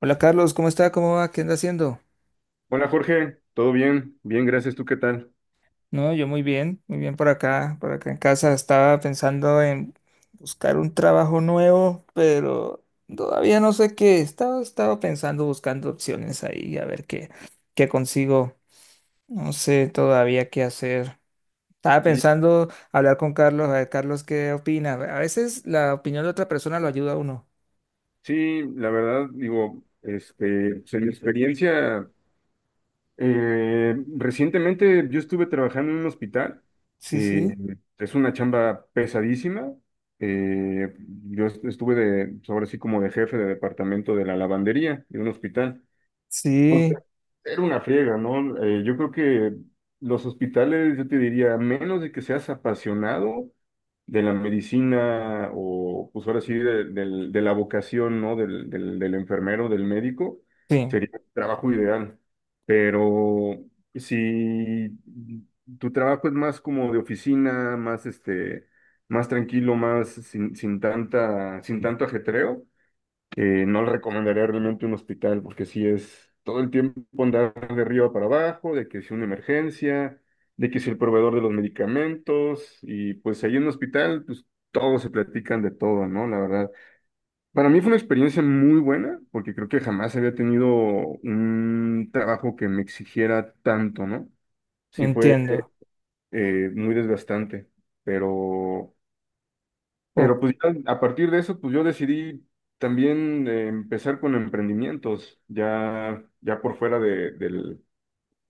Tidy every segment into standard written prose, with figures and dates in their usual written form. Hola Carlos, ¿cómo está? ¿Cómo va? ¿Qué anda haciendo? Hola Jorge, ¿todo bien? Bien, gracias. ¿Tú qué tal? No, yo muy bien por acá en casa. Estaba pensando en buscar un trabajo nuevo, pero todavía no sé qué. Estaba pensando, buscando opciones ahí, a ver qué, qué consigo. No sé todavía qué hacer. Estaba Sí, pensando hablar con Carlos, a ver, Carlos, ¿qué opina? A veces la opinión de otra persona lo ayuda a uno. sí, la verdad, digo, pues, en mi experiencia, recientemente yo estuve trabajando en un hospital. Sí, eh, sí. es una chamba pesadísima. eh, estuve de, ahora sí, como de jefe de departamento de la lavandería de un hospital. Sí, Era una friega, ¿no? Yo creo que los hospitales, yo te diría, a menos de que seas apasionado de la medicina o, pues ahora sí, de la vocación, ¿no? Del enfermero, del médico, sí, sería el trabajo ideal. Pero si tu trabajo es más como de oficina, más, más tranquilo, más sin, sin tanta, sin tanto ajetreo, no le recomendaría realmente un hospital, porque sí es todo el tiempo andar de arriba para abajo, de que si una emergencia, de que si el proveedor de los medicamentos, y pues ahí en un hospital pues todos se platican de todo, ¿no? La verdad. Para mí fue una experiencia muy buena, porque creo que jamás había tenido un trabajo que me exigiera tanto, ¿no? Sí fue entiendo. Muy desgastante, pero... Ok. Pero pues ya a partir de eso, pues yo decidí también, empezar con emprendimientos, ya por fuera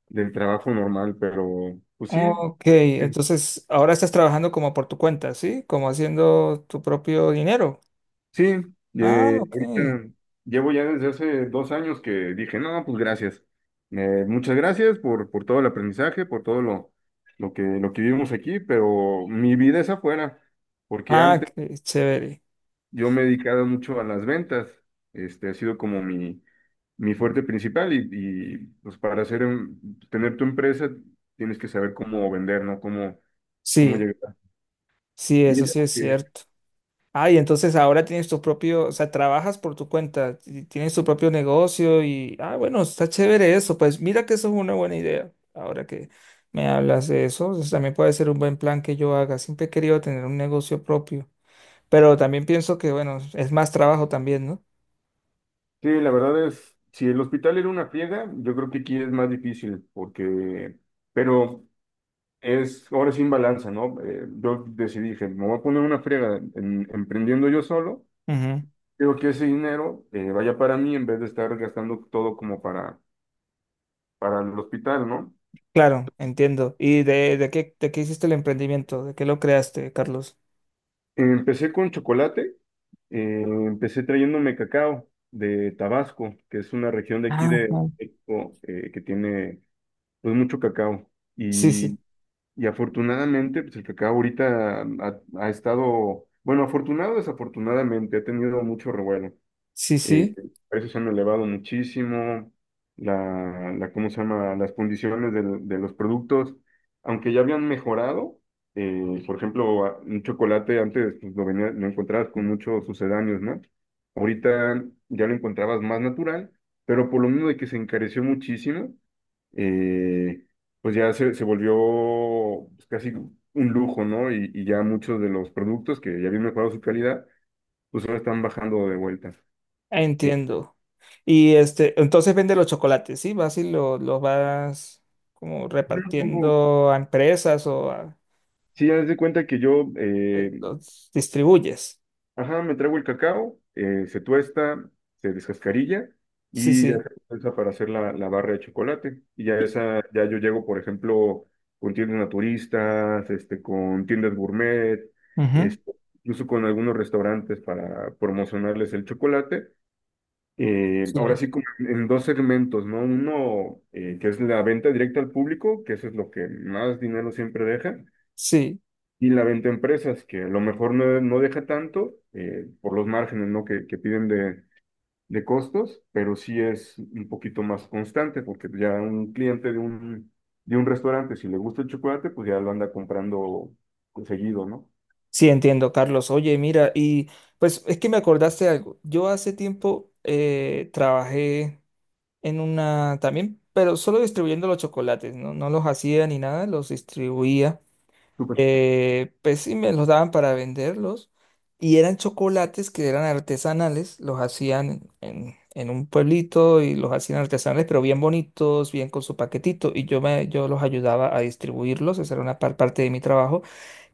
del trabajo normal, pero pues sí, Ok, que- entonces ahora estás trabajando como por tu cuenta, ¿sí? Como haciendo tu propio dinero. sí, Ah, ok. ahorita llevo ya desde hace 2 años que dije, no, pues gracias. Muchas gracias por todo el aprendizaje, por todo lo que vivimos aquí, pero mi vida es afuera, porque Ah, antes qué chévere. yo me he dedicado mucho a las ventas, este ha sido como mi fuerte principal, y pues para hacer, tener tu empresa tienes que saber cómo vender, ¿no? Cómo, cómo Sí, llegar. sí, Y eso es sí es que, cierto. Ah, y entonces ahora tienes tu propio, o sea, trabajas por tu cuenta, y tienes tu propio negocio y, ah, bueno, está chévere eso. Pues mira que eso es una buena idea. Ahora que me hablas de eso, eso también puede ser un buen plan que yo haga. Siempre he querido tener un negocio propio, pero también pienso que, bueno, es más trabajo también, sí, la verdad es, si el hospital era una friega, yo creo que aquí es más difícil porque, pero es ahora sin balanza, ¿no? Yo decidí, dije, me voy a poner una friega emprendiendo yo solo, ¿no? creo que ese dinero, vaya para mí en vez de estar gastando todo como para el hospital, ¿no? Claro, entiendo. ¿Y de qué hiciste el emprendimiento? ¿De qué lo creaste, Carlos? Empecé con chocolate, empecé trayéndome cacao de Tabasco, que es una región de aquí Ah, de ah. México, que tiene pues mucho cacao. Sí, sí, Y, y afortunadamente, pues el cacao ahorita ha estado, bueno, afortunado o desafortunadamente, ha tenido mucho revuelo. sí, sí, Los precios han elevado muchísimo, ¿cómo se llama? Las condiciones los productos, aunque ya habían mejorado, por ejemplo, un chocolate antes pues, lo encontrabas con muchos sucedáneos, ¿no? Ahorita ya lo encontrabas más natural, pero por lo mismo de que se encareció muchísimo, eh, pues ya se volvió pues, casi un lujo, ¿no? Y ya muchos de los productos que ya habían mejorado su calidad, pues ahora están bajando de vuelta. entiendo. Y este, entonces vende los chocolates, ¿sí? Vas y los vas como Luego, repartiendo a empresas o sí, ya de cuenta que yo, los distribuyes. ajá, me traigo el cacao, se tuesta, se descascarilla Sí, y ya sí. se usa para hacer la, la barra de chocolate. Y ya Y- esa, ya yo llego, por ejemplo, con tiendas naturistas, con tiendas gourmet, Ujú. este, incluso con algunos restaurantes para promocionarles el chocolate. Ahora Sí, sí, como en dos segmentos, ¿no? Uno, que es la venta directa al público, que eso es lo que más dinero siempre deja. sí, Y la venta a empresas, que a lo mejor no, no deja tanto, por los márgenes, ¿no? Que piden de costos, pero sí es un poquito más constante, porque ya un cliente de un restaurante, si le gusta el chocolate, pues ya lo anda comprando seguido, ¿no? sí, entiendo, Carlos. Oye, mira, y pues es que me acordaste algo. Yo hace tiempo trabajé en una también, pero solo distribuyendo los chocolates, ¿no? No los hacía ni nada, los distribuía. Súper. Pues sí, me los daban para venderlos. Y eran chocolates que eran artesanales, los hacían en un pueblito y los hacían artesanales, pero bien bonitos, bien con su paquetito. Y yo, me, yo los ayudaba a distribuirlos, esa era una parte de mi trabajo.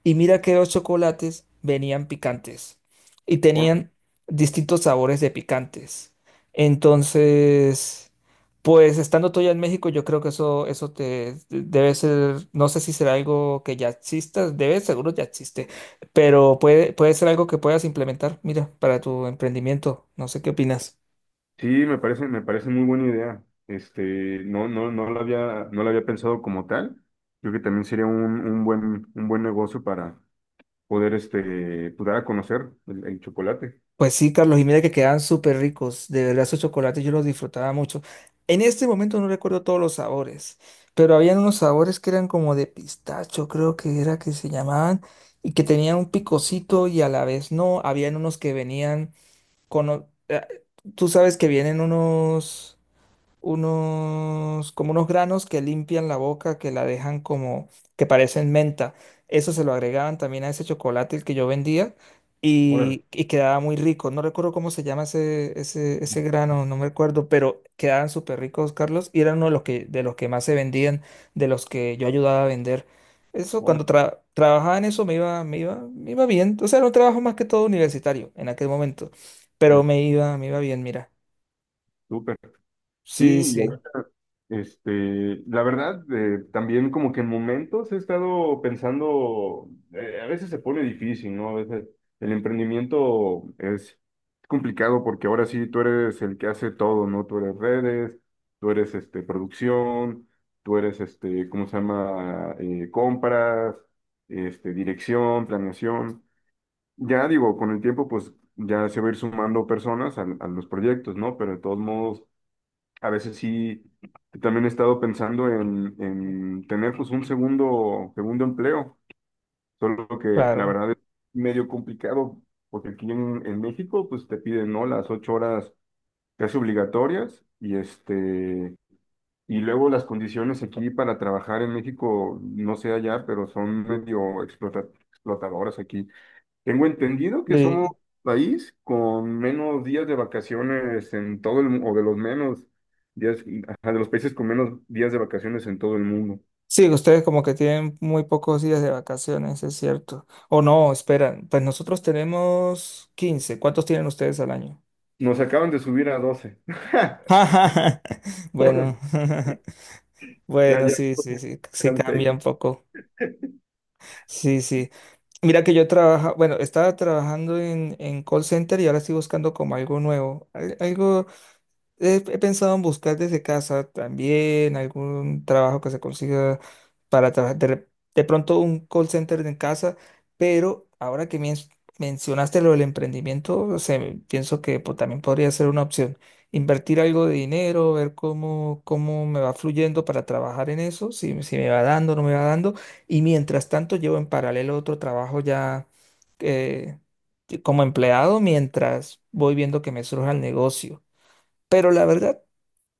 Y mira que los chocolates venían picantes y Ahora, tenían distintos sabores de picantes. Entonces, pues estando tú ya en México, yo creo que eso te debe ser, no sé si será algo que ya exista, debe, seguro ya existe, pero puede, puede ser algo que puedas implementar, mira, para tu emprendimiento. No sé qué opinas. sí, me parece muy buena idea. No, no lo había, no lo había pensado como tal. Creo que también sería un buen negocio para poder pues, dar a conocer el chocolate. Pues sí, Carlos, y mira que quedaban súper ricos. De verdad, esos chocolates yo los disfrutaba mucho. En este momento no recuerdo todos los sabores, pero habían unos sabores que eran como de pistacho, creo que era que se llamaban, y que tenían un picocito y a la vez no. Habían unos que venían con... tú sabes que vienen unos como unos granos que limpian la boca, que la dejan como, que parecen menta. Eso se lo agregaban también a ese chocolate el que yo vendía Órale. Y quedaba muy rico. No recuerdo cómo se llama ese grano, no me acuerdo, pero quedaban súper ricos, Carlos, y eran uno de los que más se vendían, de los que yo ayudaba a vender. Eso, cuando Órale, trabajaba en eso me iba, me iba bien. O sea, era un trabajo más que todo universitario en aquel momento, pero ya, me iba bien, mira. súper. Sí, Sí, y sí, ahorita, la verdad, también como que en momentos he estado pensando, a veces se pone difícil, ¿no? A veces el emprendimiento es complicado, porque ahora sí tú eres el que hace todo, ¿no? Tú eres redes, tú eres, producción, tú eres, ¿cómo se llama? Compras, dirección, planeación. Ya digo, con el tiempo, pues ya se va a ir sumando personas a los proyectos, ¿no? Pero de todos modos, a veces sí, también he estado pensando en tener pues un segundo, segundo empleo, solo que la claro. verdad es medio complicado, porque aquí en México, pues te piden, ¿no? Las 8 horas casi obligatorias, y y luego las condiciones aquí para trabajar en México, no sé allá, pero son medio explotadoras aquí. Tengo entendido que somos Sí, país con menos días de vacaciones en todo el mundo, o de los menos días, ajá, de los países con menos días de vacaciones en todo el mundo. sí, ustedes como que tienen muy pocos días de vacaciones, es cierto. O no, esperan, pues nosotros tenemos 15. ¿Cuántos tienen ustedes al año? Nos acaban de subir a 12. Bueno, Ya, bueno, ya. sí, sí, sí, sí Eran cambia 6. un poco. Sí, sí. Mira que yo trabaja, bueno, estaba trabajando en call center y ahora estoy buscando como algo nuevo, algo he, he pensado en buscar desde casa también algún trabajo que se consiga para trabajar. De, de pronto un call center en casa, pero ahora que mencionaste lo del emprendimiento, o sea, pienso que pues, también podría ser una opción. Invertir algo de dinero, ver cómo, cómo me va fluyendo para trabajar en eso, si, si me va dando, no me va dando. Y mientras tanto, llevo en paralelo otro trabajo ya eh, como empleado mientras voy viendo que me surja el negocio. Pero la verdad,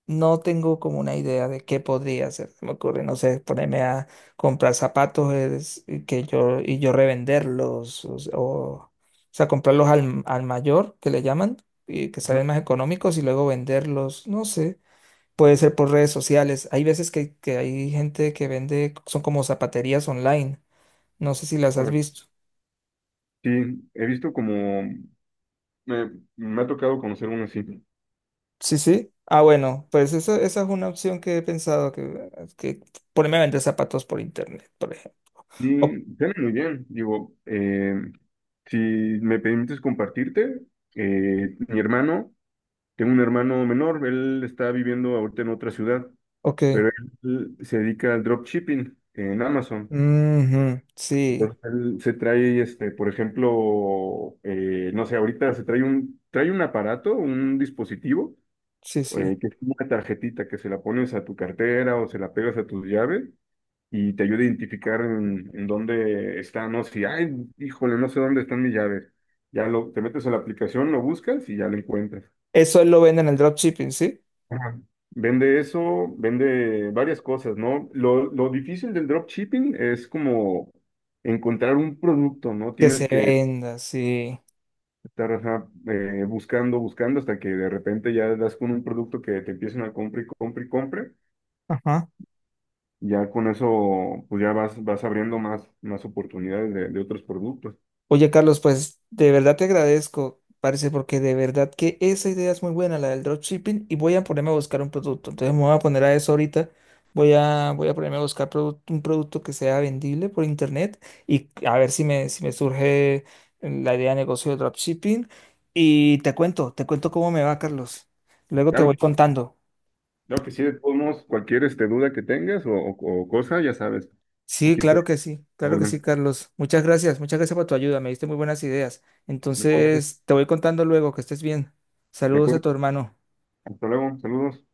no tengo como una idea de qué podría hacer. Se me ocurre, no sé, ponerme a comprar zapatos y que yo, y yo revenderlos. O sea, comprarlos al, al mayor, que le llaman, y que Ajá, salen más económicos y luego venderlos. No sé. Puede ser por redes sociales. Hay veces que hay gente que vende, son como zapaterías online. No sé si las has órale. visto. Sí, he visto como, me, me ha tocado conocer uno así. Sí, sí. Ah, bueno, pues esa es una opción que he pensado, que ponerme a vender zapatos por internet, por ejemplo. O Y suena muy bien, digo, si me permites compartirte, mi hermano, tengo un hermano menor, él está viviendo ahorita en otra ciudad. ok. Pero él se dedica al dropshipping en Amazon. Ujú, sí, Entonces él se trae, por ejemplo, no sé, ahorita trae un aparato, un dispositivo, sí, sí. Que es como una tarjetita que se la pones a tu cartera o se la pegas a tus llaves, y te ayuda a identificar en dónde está, no sé, ay, híjole, no sé dónde están mis llaves. Te metes a la aplicación, lo buscas y ya lo encuentras. Eso lo venden en el dropshipping, ¿sí? Ajá. Vende eso, vende varias cosas, ¿no? Lo difícil del dropshipping es como encontrar un producto, ¿no? Que Tienes se que venda, sí. estar, ajá, buscando, buscando, hasta que de repente ya das con un producto que te empiecen a comprar y comprar y comprar. Ajá. Ya con eso, pues ya vas, vas abriendo más, más oportunidades de otros productos. Oye, Carlos, pues de verdad te agradezco, parece, porque de verdad que esa idea es muy buena, la del dropshipping, y voy a ponerme a buscar un producto. Entonces me voy a poner a eso ahorita. Voy a, voy a ponerme a buscar un producto que sea vendible por internet y a ver si me, si me surge la idea de negocio de dropshipping. Y te cuento cómo me va, Carlos. Luego te Claro voy que, contando. claro que sí, de todos modos, cualquier duda que tengas o cosa, ya sabes, Sí, aquí estoy claro a que sí, la claro que sí, orden. Carlos. Muchas gracias por tu ayuda, me diste muy buenas ideas. No, gracias. Entonces, te voy contando luego, que estés bien. De Saludos a acuerdo. tu hermano. Hasta luego. Saludos.